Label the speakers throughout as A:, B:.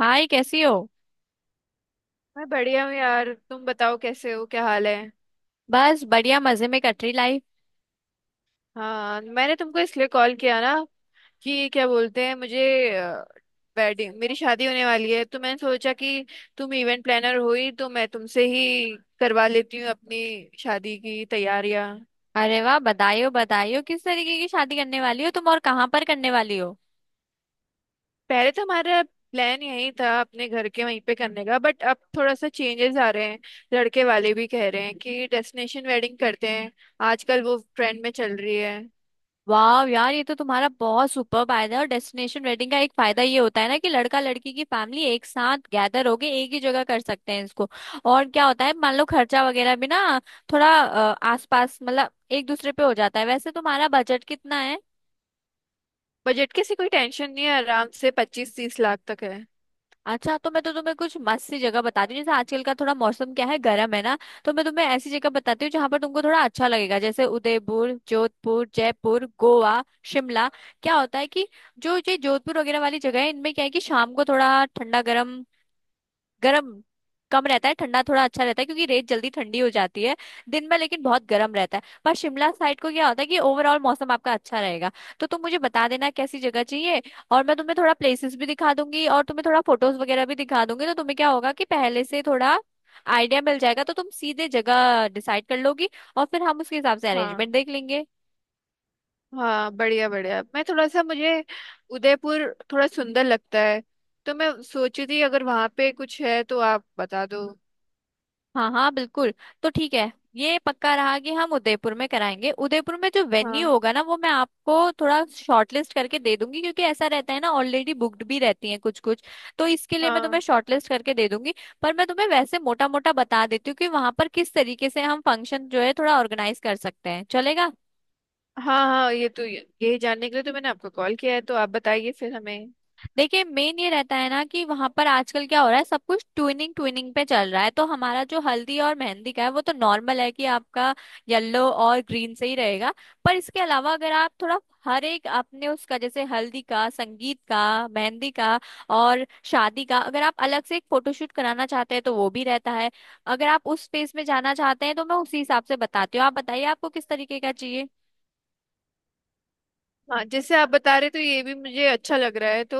A: हाय, कैसी हो।
B: मैं बढ़िया हूँ यार। तुम बताओ कैसे हो, क्या हाल है?
A: बस बढ़िया, मजे में कट रही लाइफ।
B: हाँ, मैंने तुमको इसलिए कॉल किया ना कि क्या बोलते हैं मुझे, वेडिंग, मेरी शादी होने वाली है तो मैंने सोचा कि तुम इवेंट प्लानर हुई तो मैं तुमसे ही करवा लेती हूँ अपनी शादी की तैयारियां।
A: अरे वाह, बधाई हो बधाई हो। किस तरीके की शादी करने वाली हो तुम, और कहाँ पर करने वाली हो?
B: पहले तो हमारा प्लान यही था अपने घर के वहीं पे करने का, बट अब थोड़ा सा चेंजेस आ रहे हैं। लड़के वाले भी कह रहे हैं कि डेस्टिनेशन वेडिंग करते हैं, आजकल वो ट्रेंड में चल रही है।
A: वाह यार, ये तो तुम्हारा बहुत सुपर फायदा है। और डेस्टिनेशन वेडिंग का एक फायदा ये होता है ना कि लड़का लड़की की फैमिली एक साथ गैदर होके एक ही जगह कर सकते हैं इसको। और क्या होता है, मान लो खर्चा वगैरह भी ना थोड़ा आसपास मतलब एक दूसरे पे हो जाता है। वैसे तुम्हारा बजट कितना है?
B: बजट की ऐसी कोई टेंशन नहीं है, आराम से 25-30 लाख तक है।
A: अच्छा, तो मैं तो तुम्हें कुछ मस्त सी जगह बताती हूँ। जैसे आजकल का थोड़ा मौसम क्या है, गर्म है ना। तो मैं तुम्हें ऐसी जगह बताती हूँ जहाँ पर तुमको थोड़ा अच्छा लगेगा, जैसे उदयपुर, जोधपुर, जयपुर, गोवा, शिमला। क्या होता है कि जो ये जोधपुर वगैरह वाली जगह है, इनमें क्या है कि शाम को थोड़ा ठंडा, गर्म गर्म कम रहता है, ठंडा थोड़ा अच्छा रहता है, क्योंकि रेत जल्दी ठंडी हो जाती है। दिन में लेकिन बहुत गर्म रहता है, पर शिमला साइड को क्या होता है कि ओवरऑल मौसम आपका अच्छा रहेगा। तो तुम मुझे बता देना कैसी जगह चाहिए, और मैं तुम्हें थोड़ा प्लेसेस भी दिखा दूंगी और तुम्हें थोड़ा फोटोज वगैरह भी दिखा दूंगी, तो तुम्हें क्या होगा कि पहले से थोड़ा आइडिया मिल जाएगा, तो तुम सीधे जगह डिसाइड कर लोगी। और फिर हम उसके हिसाब से
B: हाँ।
A: अरेंजमेंट देख लेंगे।
B: हाँ, बढ़िया बढ़िया। मैं थोड़ा सा, मुझे उदयपुर थोड़ा सुंदर लगता है, तो मैं सोची थी अगर वहाँ पे कुछ है तो आप बता दो।
A: हाँ हाँ, बिल्कुल। तो ठीक है, ये पक्का रहा कि हम उदयपुर में कराएंगे। उदयपुर में जो
B: हाँ।
A: वेन्यू होगा ना, वो मैं आपको थोड़ा शॉर्टलिस्ट करके दे दूंगी, क्योंकि ऐसा रहता है ना ऑलरेडी बुक्ड भी रहती हैं कुछ कुछ। तो इसके लिए मैं तुम्हें
B: हाँ।
A: शॉर्टलिस्ट करके दे दूंगी। पर मैं तुम्हें वैसे मोटा मोटा बता देती हूँ कि वहां पर किस तरीके से हम फंक्शन जो है थोड़ा ऑर्गेनाइज कर सकते हैं, चलेगा?
B: हाँ, हाँ, ये तो यही जानने के लिए तो मैंने आपको कॉल किया है, तो आप बताइए फिर हमें।
A: देखिए, मेन ये रहता है ना कि वहां पर आजकल क्या हो रहा है, सब कुछ ट्विनिंग ट्विनिंग पे चल रहा है। तो हमारा जो हल्दी और मेहंदी का है वो तो नॉर्मल है कि आपका येलो और ग्रीन से ही रहेगा। पर इसके अलावा अगर आप थोड़ा हर एक अपने उसका, जैसे हल्दी का, संगीत का, मेहंदी का, और शादी का अगर आप अलग से एक फोटोशूट कराना चाहते हैं तो वो भी रहता है। अगर आप उस स्पेस में जाना चाहते हैं तो मैं उसी हिसाब से बताती हूँ, आप बताइए आपको किस तरीके का चाहिए।
B: हाँ, जैसे आप बता रहे तो ये भी मुझे अच्छा लग रहा है। तो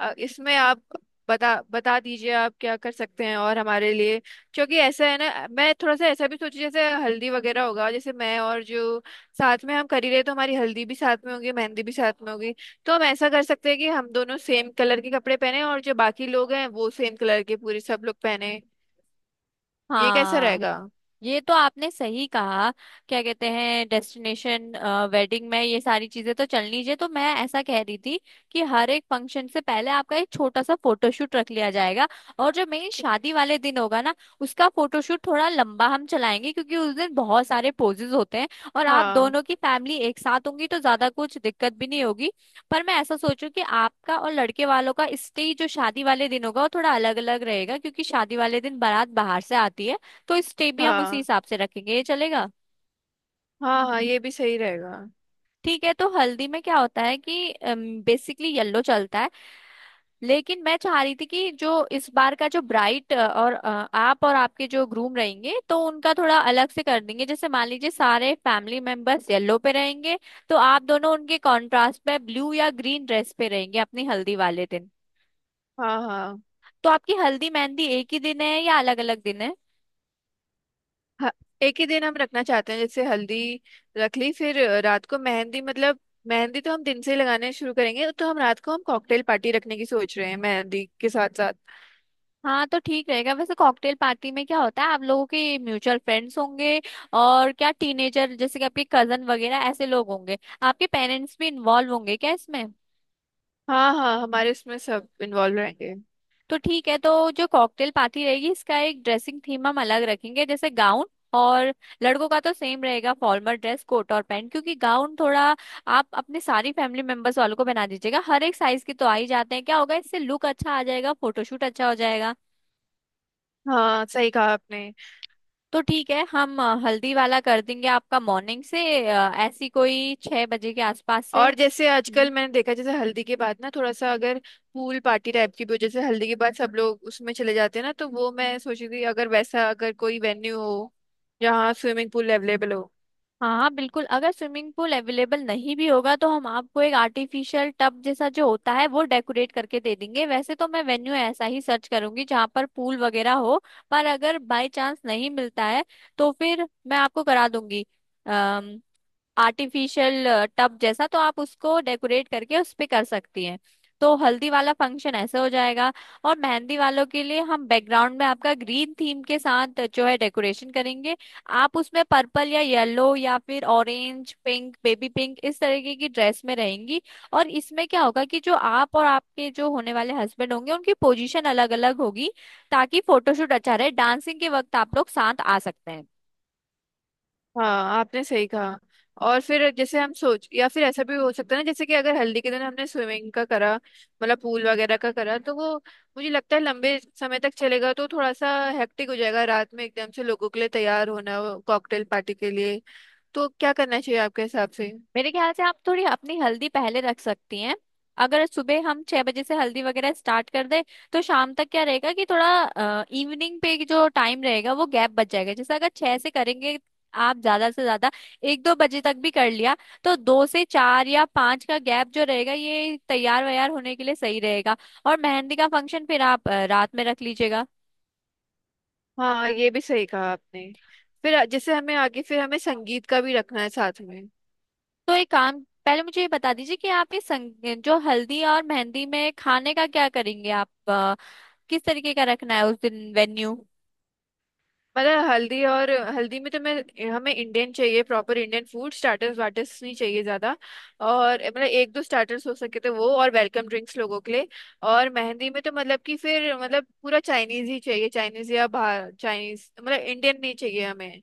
B: इसमें आप बता बता दीजिए आप क्या कर सकते हैं और हमारे लिए। क्योंकि ऐसा है ना, मैं थोड़ा सा ऐसा भी सोची, जैसे हल्दी वगैरह होगा, जैसे मैं और जो साथ में हम कर ही रहे, तो हमारी हल्दी भी साथ में होगी, मेहंदी भी साथ में होगी। तो हम ऐसा कर सकते हैं कि हम दोनों सेम कलर के कपड़े पहने, और जो बाकी लोग हैं वो सेम कलर के पूरे सब लोग पहने। ये कैसा
A: हाँ,
B: रहेगा?
A: ये तो आपने सही कहा। क्या कहते हैं, डेस्टिनेशन वेडिंग में ये सारी चीजें तो चलनी चाहिए। तो मैं ऐसा कह रही थी कि हर एक फंक्शन से पहले आपका एक छोटा सा फोटोशूट रख लिया जाएगा, और जो मेन शादी वाले दिन होगा ना, उसका फोटोशूट थोड़ा लंबा हम चलाएंगे, क्योंकि उस दिन बहुत सारे पोजेज होते हैं। और आप
B: हाँ
A: दोनों की फैमिली एक साथ होंगी तो ज्यादा कुछ दिक्कत भी नहीं होगी। पर मैं ऐसा सोचूं कि आपका और लड़के वालों का स्टेज जो शादी वाले दिन होगा वो थोड़ा अलग अलग रहेगा, क्योंकि शादी वाले दिन बारात बाहर से आती है, तो स्टेप भी हम उसी
B: हाँ।
A: हिसाब से रखेंगे, ये चलेगा?
B: हाँ, हाँ, ये भी सही रहेगा।
A: ठीक है, तो हल्दी में क्या होता है कि बेसिकली येलो चलता है, लेकिन मैं चाह रही थी कि जो इस बार का जो ब्राइट और आप और आपके जो ग्रूम रहेंगे तो उनका थोड़ा अलग से कर देंगे। जैसे मान लीजिए सारे फैमिली मेंबर्स येलो पे रहेंगे, तो आप दोनों उनके कॉन्ट्रास्ट में ब्लू या ग्रीन ड्रेस पे रहेंगे अपनी हल्दी वाले दिन।
B: हाँ। हाँ
A: तो आपकी हल्दी मेहंदी एक ही दिन है या अलग अलग दिन है?
B: हाँ, एक ही दिन हम रखना चाहते हैं, जैसे हल्दी रख ली फिर रात को मेहंदी, मतलब मेहंदी तो हम दिन से ही लगाने शुरू करेंगे, तो हम रात को हम कॉकटेल पार्टी रखने की सोच रहे हैं मेहंदी के साथ साथ।
A: हाँ, तो ठीक रहेगा। वैसे कॉकटेल पार्टी में क्या होता है, आप लोगों के म्यूचुअल फ्रेंड्स होंगे, और क्या टीनेजर जैसे कि आपके कजन वगैरह ऐसे लोग होंगे, आपके पेरेंट्स भी इन्वॉल्व होंगे क्या इसमें?
B: हाँ हाँ हमारे इसमें सब इन्वॉल्व रहेंगे।
A: तो ठीक है, तो जो कॉकटेल पार्टी रहेगी इसका एक ड्रेसिंग थीम हम अलग रखेंगे, जैसे गाउन, और लड़कों का तो सेम रहेगा फॉर्मल ड्रेस कोट और पैंट, क्योंकि गाउन थोड़ा आप अपने सारी फैमिली मेंबर्स वालों को बना दीजिएगा, हर एक साइज के तो आ ही जाते हैं। क्या होगा इससे, लुक अच्छा आ जाएगा, फोटोशूट अच्छा हो जाएगा।
B: हाँ, सही कहा आपने।
A: तो ठीक है, हम हल्दी वाला कर देंगे आपका मॉर्निंग से, ऐसी कोई 6 बजे के आसपास से।
B: और जैसे आजकल
A: हम्म।
B: मैंने देखा, जैसे हल्दी के बाद ना थोड़ा सा अगर पूल पार्टी टाइप की भी हो, जैसे हल्दी के बाद सब लोग उसमें चले जाते हैं ना, तो वो मैं सोची थी अगर वैसा, अगर कोई वेन्यू हो जहाँ स्विमिंग पूल अवेलेबल हो।
A: हाँ बिल्कुल, अगर स्विमिंग पूल अवेलेबल नहीं भी होगा तो हम आपको एक आर्टिफिशियल टब जैसा जो होता है वो डेकोरेट करके दे देंगे। वैसे तो मैं वेन्यू ऐसा ही सर्च करूंगी जहाँ पर पूल वगैरह हो। पर अगर बाय चांस नहीं मिलता है तो फिर मैं आपको करा दूंगी। अम, आर्टिफिशियल टब जैसा, तो आप उसको डेकोरेट करके उस पे कर सकती हैं। तो हल्दी वाला फंक्शन ऐसे हो जाएगा। और मेहंदी वालों के लिए हम बैकग्राउंड में आपका ग्रीन थीम के साथ जो है डेकोरेशन करेंगे। आप उसमें पर्पल या येलो या फिर ऑरेंज, पिंक, बेबी पिंक इस तरीके की ड्रेस में रहेंगी। और इसमें क्या होगा कि जो आप और आपके जो होने वाले हस्बैंड होंगे उनकी पोजीशन अलग अलग होगी, ताकि फोटोशूट अच्छा रहे। डांसिंग के वक्त आप लोग साथ आ सकते हैं।
B: हाँ, आपने सही कहा। और फिर जैसे हम सोच, या फिर ऐसा भी हो सकता है ना, जैसे कि अगर हल्दी के दिन हमने स्विमिंग का करा, मतलब पूल वगैरह का करा, तो वो मुझे लगता है लंबे समय तक चलेगा, तो थोड़ा सा हेक्टिक हो जाएगा रात में एकदम से लोगों के लिए तैयार होना कॉकटेल पार्टी के लिए। तो क्या करना चाहिए आपके हिसाब से?
A: मेरे ख्याल से आप थोड़ी अपनी हल्दी पहले रख सकती हैं। अगर सुबह हम 6 बजे से हल्दी वगैरह स्टार्ट कर दें, तो शाम तक क्या रहेगा कि थोड़ा इवनिंग पे जो टाइम रहेगा वो गैप बच जाएगा। जैसे अगर 6 से करेंगे, आप ज्यादा से ज्यादा 1-2 बजे तक भी कर लिया, तो 2 से 4 या 5 का गैप जो रहेगा ये तैयार वैयार होने के लिए सही रहेगा। और मेहंदी का फंक्शन फिर आप रात में रख लीजिएगा।
B: हाँ, ये भी सही कहा आपने। फिर जैसे हमें आगे फिर हमें संगीत का भी रखना है साथ में।
A: तो एक काम, पहले मुझे ये बता दीजिए कि आप ये जो हल्दी और मेहंदी में खाने का क्या करेंगे आप, किस तरीके का रखना है उस दिन वेन्यू।
B: मतलब हल्दी और हल्दी में तो मैं, हमें इंडियन चाहिए, proper Indian food, starters waters नहीं चाहिए ज्यादा, और मतलब एक दो स्टार्टर्स हो सके तो वो, और वेलकम ड्रिंक्स लोगों के लिए। और मेहंदी में तो मतलब कि फिर मतलब पूरा चाइनीज ही चाहिए, चाइनीज या बाहर, चाइनीज मतलब, इंडियन नहीं चाहिए हमें।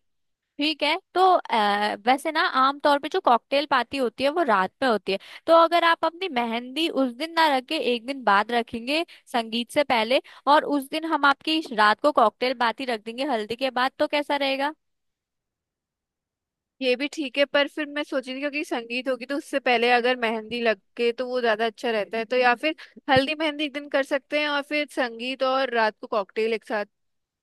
A: ठीक है, तो वैसे ना आमतौर पे जो कॉकटेल पार्टी होती है वो रात में होती है। तो अगर आप अपनी मेहंदी उस दिन ना रखे एक दिन बाद रखेंगे, संगीत से पहले, और उस दिन हम आपकी रात को कॉकटेल पार्टी रख देंगे हल्दी के बाद, तो कैसा रहेगा?
B: ये भी ठीक है, पर फिर मैं सोच रही थी क्योंकि संगीत होगी, तो उससे पहले अगर मेहंदी लग के तो वो ज्यादा अच्छा रहता है। तो या फिर हल्दी मेहंदी एक दिन कर सकते हैं और फिर संगीत और रात को कॉकटेल एक साथ।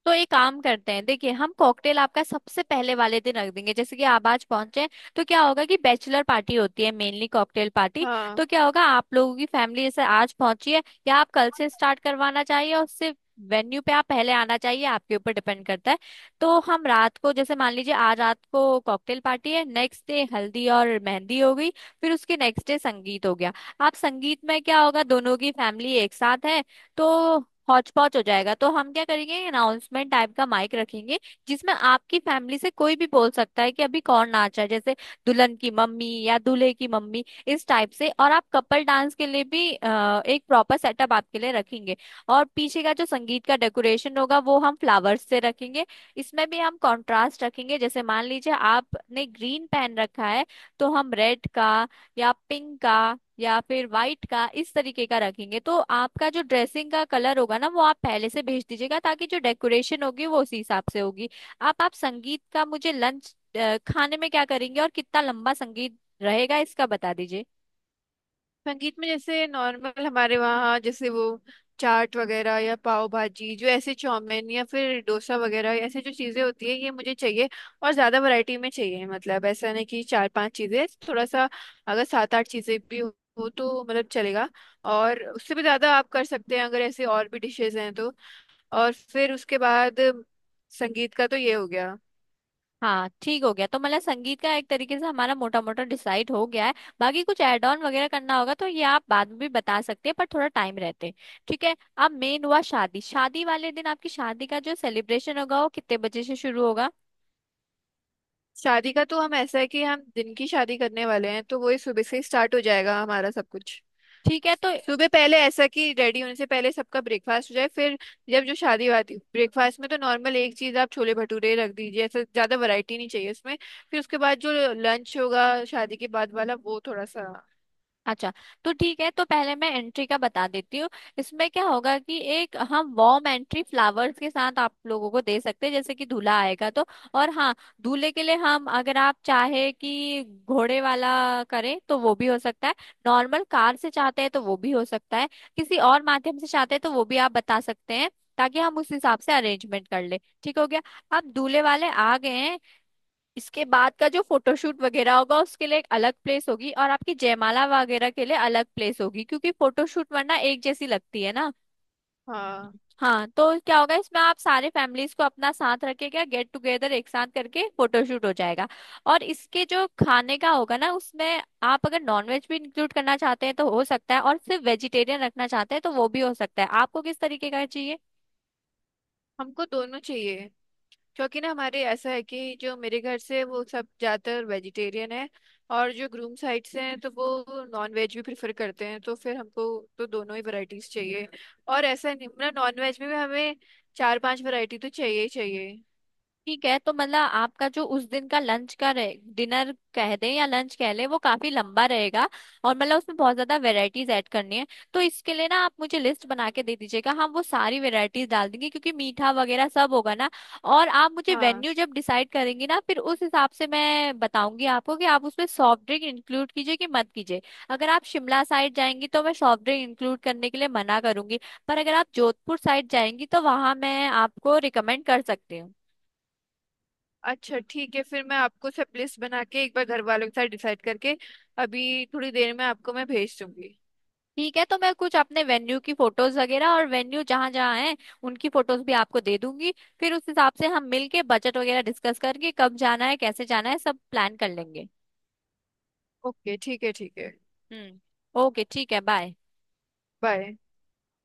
A: तो एक काम करते हैं, देखिए हम कॉकटेल आपका सबसे पहले वाले दिन रख देंगे, जैसे कि आप आज पहुंचे हैं, तो क्या होगा कि बैचलर पार्टी होती है मेनली कॉकटेल पार्टी।
B: हाँ,
A: तो क्या होगा, आप लोगों की फैमिली जैसे आज पहुंची है, या आप कल से स्टार्ट करवाना चाहिए और सिर्फ वेन्यू पे आप पहले आना चाहिए, आपके ऊपर डिपेंड करता है। तो हम रात को, जैसे मान लीजिए आज रात को कॉकटेल पार्टी है, नेक्स्ट डे हल्दी और मेहंदी हो गई, फिर उसके नेक्स्ट डे संगीत हो गया। आप संगीत में क्या होगा, दोनों की फैमिली एक साथ है, तो हौच पौच हो जाएगा, तो हम क्या करेंगे, अनाउंसमेंट टाइप का माइक रखेंगे जिसमें आपकी फैमिली से कोई भी बोल सकता है कि अभी कौन नाच रहा है, जैसे दुल्हन की मम्मी या दूल्हे की मम्मी, इस टाइप से। और आप कपल डांस के लिए भी एक प्रॉपर सेटअप आपके लिए रखेंगे। और पीछे का जो संगीत का डेकोरेशन होगा वो हम फ्लावर्स से रखेंगे। इसमें भी हम कंट्रास्ट रखेंगे, जैसे मान लीजिए आपने ग्रीन पहन रखा है तो हम रेड का, या पिंक का, या फिर व्हाइट का इस तरीके का रखेंगे। तो आपका जो ड्रेसिंग का कलर होगा ना, वो आप पहले से भेज दीजिएगा, ताकि जो डेकोरेशन होगी वो उसी हिसाब से होगी। आप संगीत का मुझे लंच खाने में क्या करेंगे और कितना लंबा संगीत रहेगा इसका बता दीजिए।
B: संगीत में जैसे नॉर्मल हमारे वहाँ, जैसे वो चाट वगैरह या पाव भाजी, जो ऐसे चाउमीन या फिर डोसा वगैरह, ऐसे जो चीज़ें होती है ये मुझे चाहिए। और ज़्यादा वैरायटी में चाहिए, मतलब ऐसा नहीं कि चार पांच चीज़ें, थोड़ा सा, अगर सात आठ चीज़ें भी हो तो मतलब चलेगा। और उससे भी ज़्यादा आप कर सकते हैं, अगर ऐसे और भी डिशेज हैं तो। और फिर उसके बाद संगीत का तो ये हो गया।
A: हाँ ठीक हो गया, तो मतलब संगीत का एक तरीके से हमारा मोटा मोटा डिसाइड हो गया है। बाकी कुछ एड ऑन वगैरह करना होगा तो ये आप बाद में भी बता सकते हैं, पर थोड़ा टाइम रहते। ठीक है, अब मेन हुआ शादी, शादी वाले दिन आपकी शादी का जो सेलिब्रेशन होगा वो कितने बजे से शुरू होगा?
B: शादी का तो हम, ऐसा है कि हम दिन की शादी करने वाले हैं, तो वही सुबह से ही स्टार्ट हो जाएगा हमारा सब कुछ।
A: ठीक है, तो
B: सुबह पहले ऐसा कि रेडी होने से पहले सबका ब्रेकफास्ट हो जाए, फिर जब जो शादी वादी, ब्रेकफास्ट में तो नॉर्मल एक चीज आप छोले भटूरे रख दीजिए, ऐसा ज्यादा वैरायटी नहीं चाहिए उसमें। फिर उसके बाद जो लंच होगा शादी के बाद वाला वो थोड़ा सा।
A: अच्छा, तो ठीक है, तो पहले मैं एंट्री का बता देती हूँ। इसमें क्या होगा कि एक हम वॉर्म एंट्री फ्लावर्स के साथ आप लोगों को दे सकते हैं, जैसे कि दूल्हा आएगा तो, और हाँ, दूल्हे के लिए हम अगर आप चाहे कि घोड़े वाला करें तो वो भी हो सकता है, नॉर्मल कार से चाहते हैं तो वो भी हो सकता है, किसी और माध्यम से चाहते हैं तो वो भी आप बता सकते हैं, ताकि हम उस हिसाब से अरेंजमेंट कर ले। ठीक हो गया। अब दूल्हे वाले आ गए हैं। इसके बाद का जो फोटोशूट वगैरह होगा उसके लिए एक अलग प्लेस होगी, और आपकी जयमाला वगैरह के लिए अलग प्लेस होगी, क्योंकि फोटोशूट वरना एक जैसी लगती है ना।
B: हाँ,
A: हाँ, तो क्या होगा इसमें, आप सारे फैमिलीज को अपना साथ रखेगा, गेट टुगेदर एक साथ करके फोटोशूट हो जाएगा। और इसके जो खाने का होगा ना उसमें आप अगर नॉनवेज भी इंक्लूड करना चाहते हैं तो हो सकता है, और सिर्फ वेजिटेरियन रखना चाहते हैं तो वो भी हो सकता है, आपको किस तरीके का चाहिए?
B: हमको दोनों चाहिए। क्योंकि ना हमारे ऐसा है कि जो मेरे घर से वो सब ज्यादातर वेजिटेरियन है, और जो ग्रूम साइड से हैं तो वो नॉन वेज भी प्रेफर करते हैं, तो फिर हमको, तो दोनों ही वैरायटीज चाहिए। और ऐसा नहीं, मतलब नॉन वेज में भी हमें चार पांच वैरायटी तो चाहिए ही चाहिए।
A: ठीक है, तो मतलब आपका जो उस दिन का लंच का रहे, डिनर कह दें या लंच कह लें, वो काफी लंबा रहेगा, और मतलब उसमें बहुत ज्यादा वेराइटीज ऐड करनी है। तो इसके लिए ना आप मुझे लिस्ट बना के दे दीजिएगा, हम वो सारी वेराइटीज डाल देंगे, क्योंकि मीठा वगैरह सब होगा ना। और आप मुझे
B: हाँ,
A: वेन्यू जब डिसाइड करेंगी ना, फिर उस हिसाब से मैं बताऊंगी आपको कि आप उसमें सॉफ्ट ड्रिंक इंक्लूड कीजिए कि मत कीजिए। अगर आप शिमला साइड जाएंगी तो मैं सॉफ्ट ड्रिंक इंक्लूड करने के लिए मना करूंगी, पर अगर आप जोधपुर साइड जाएंगी तो वहां मैं आपको रिकमेंड कर सकती हूँ।
B: अच्छा ठीक है। फिर मैं आपको सब लिस्ट बना के एक बार घर वालों के साथ डिसाइड करके अभी थोड़ी देर में आपको मैं भेज दूंगी।
A: ठीक है, तो मैं कुछ अपने वेन्यू की फोटोज वगैरह और वेन्यू जहाँ जहाँ हैं उनकी फोटोज भी आपको दे दूंगी। फिर उस हिसाब से हम मिलके बजट वगैरह डिस्कस करके कब जाना है कैसे जाना है सब प्लान कर लेंगे।
B: ओके, ठीक है, ठीक है।
A: हम्म। ओके ठीक है, बाय।
B: बाय।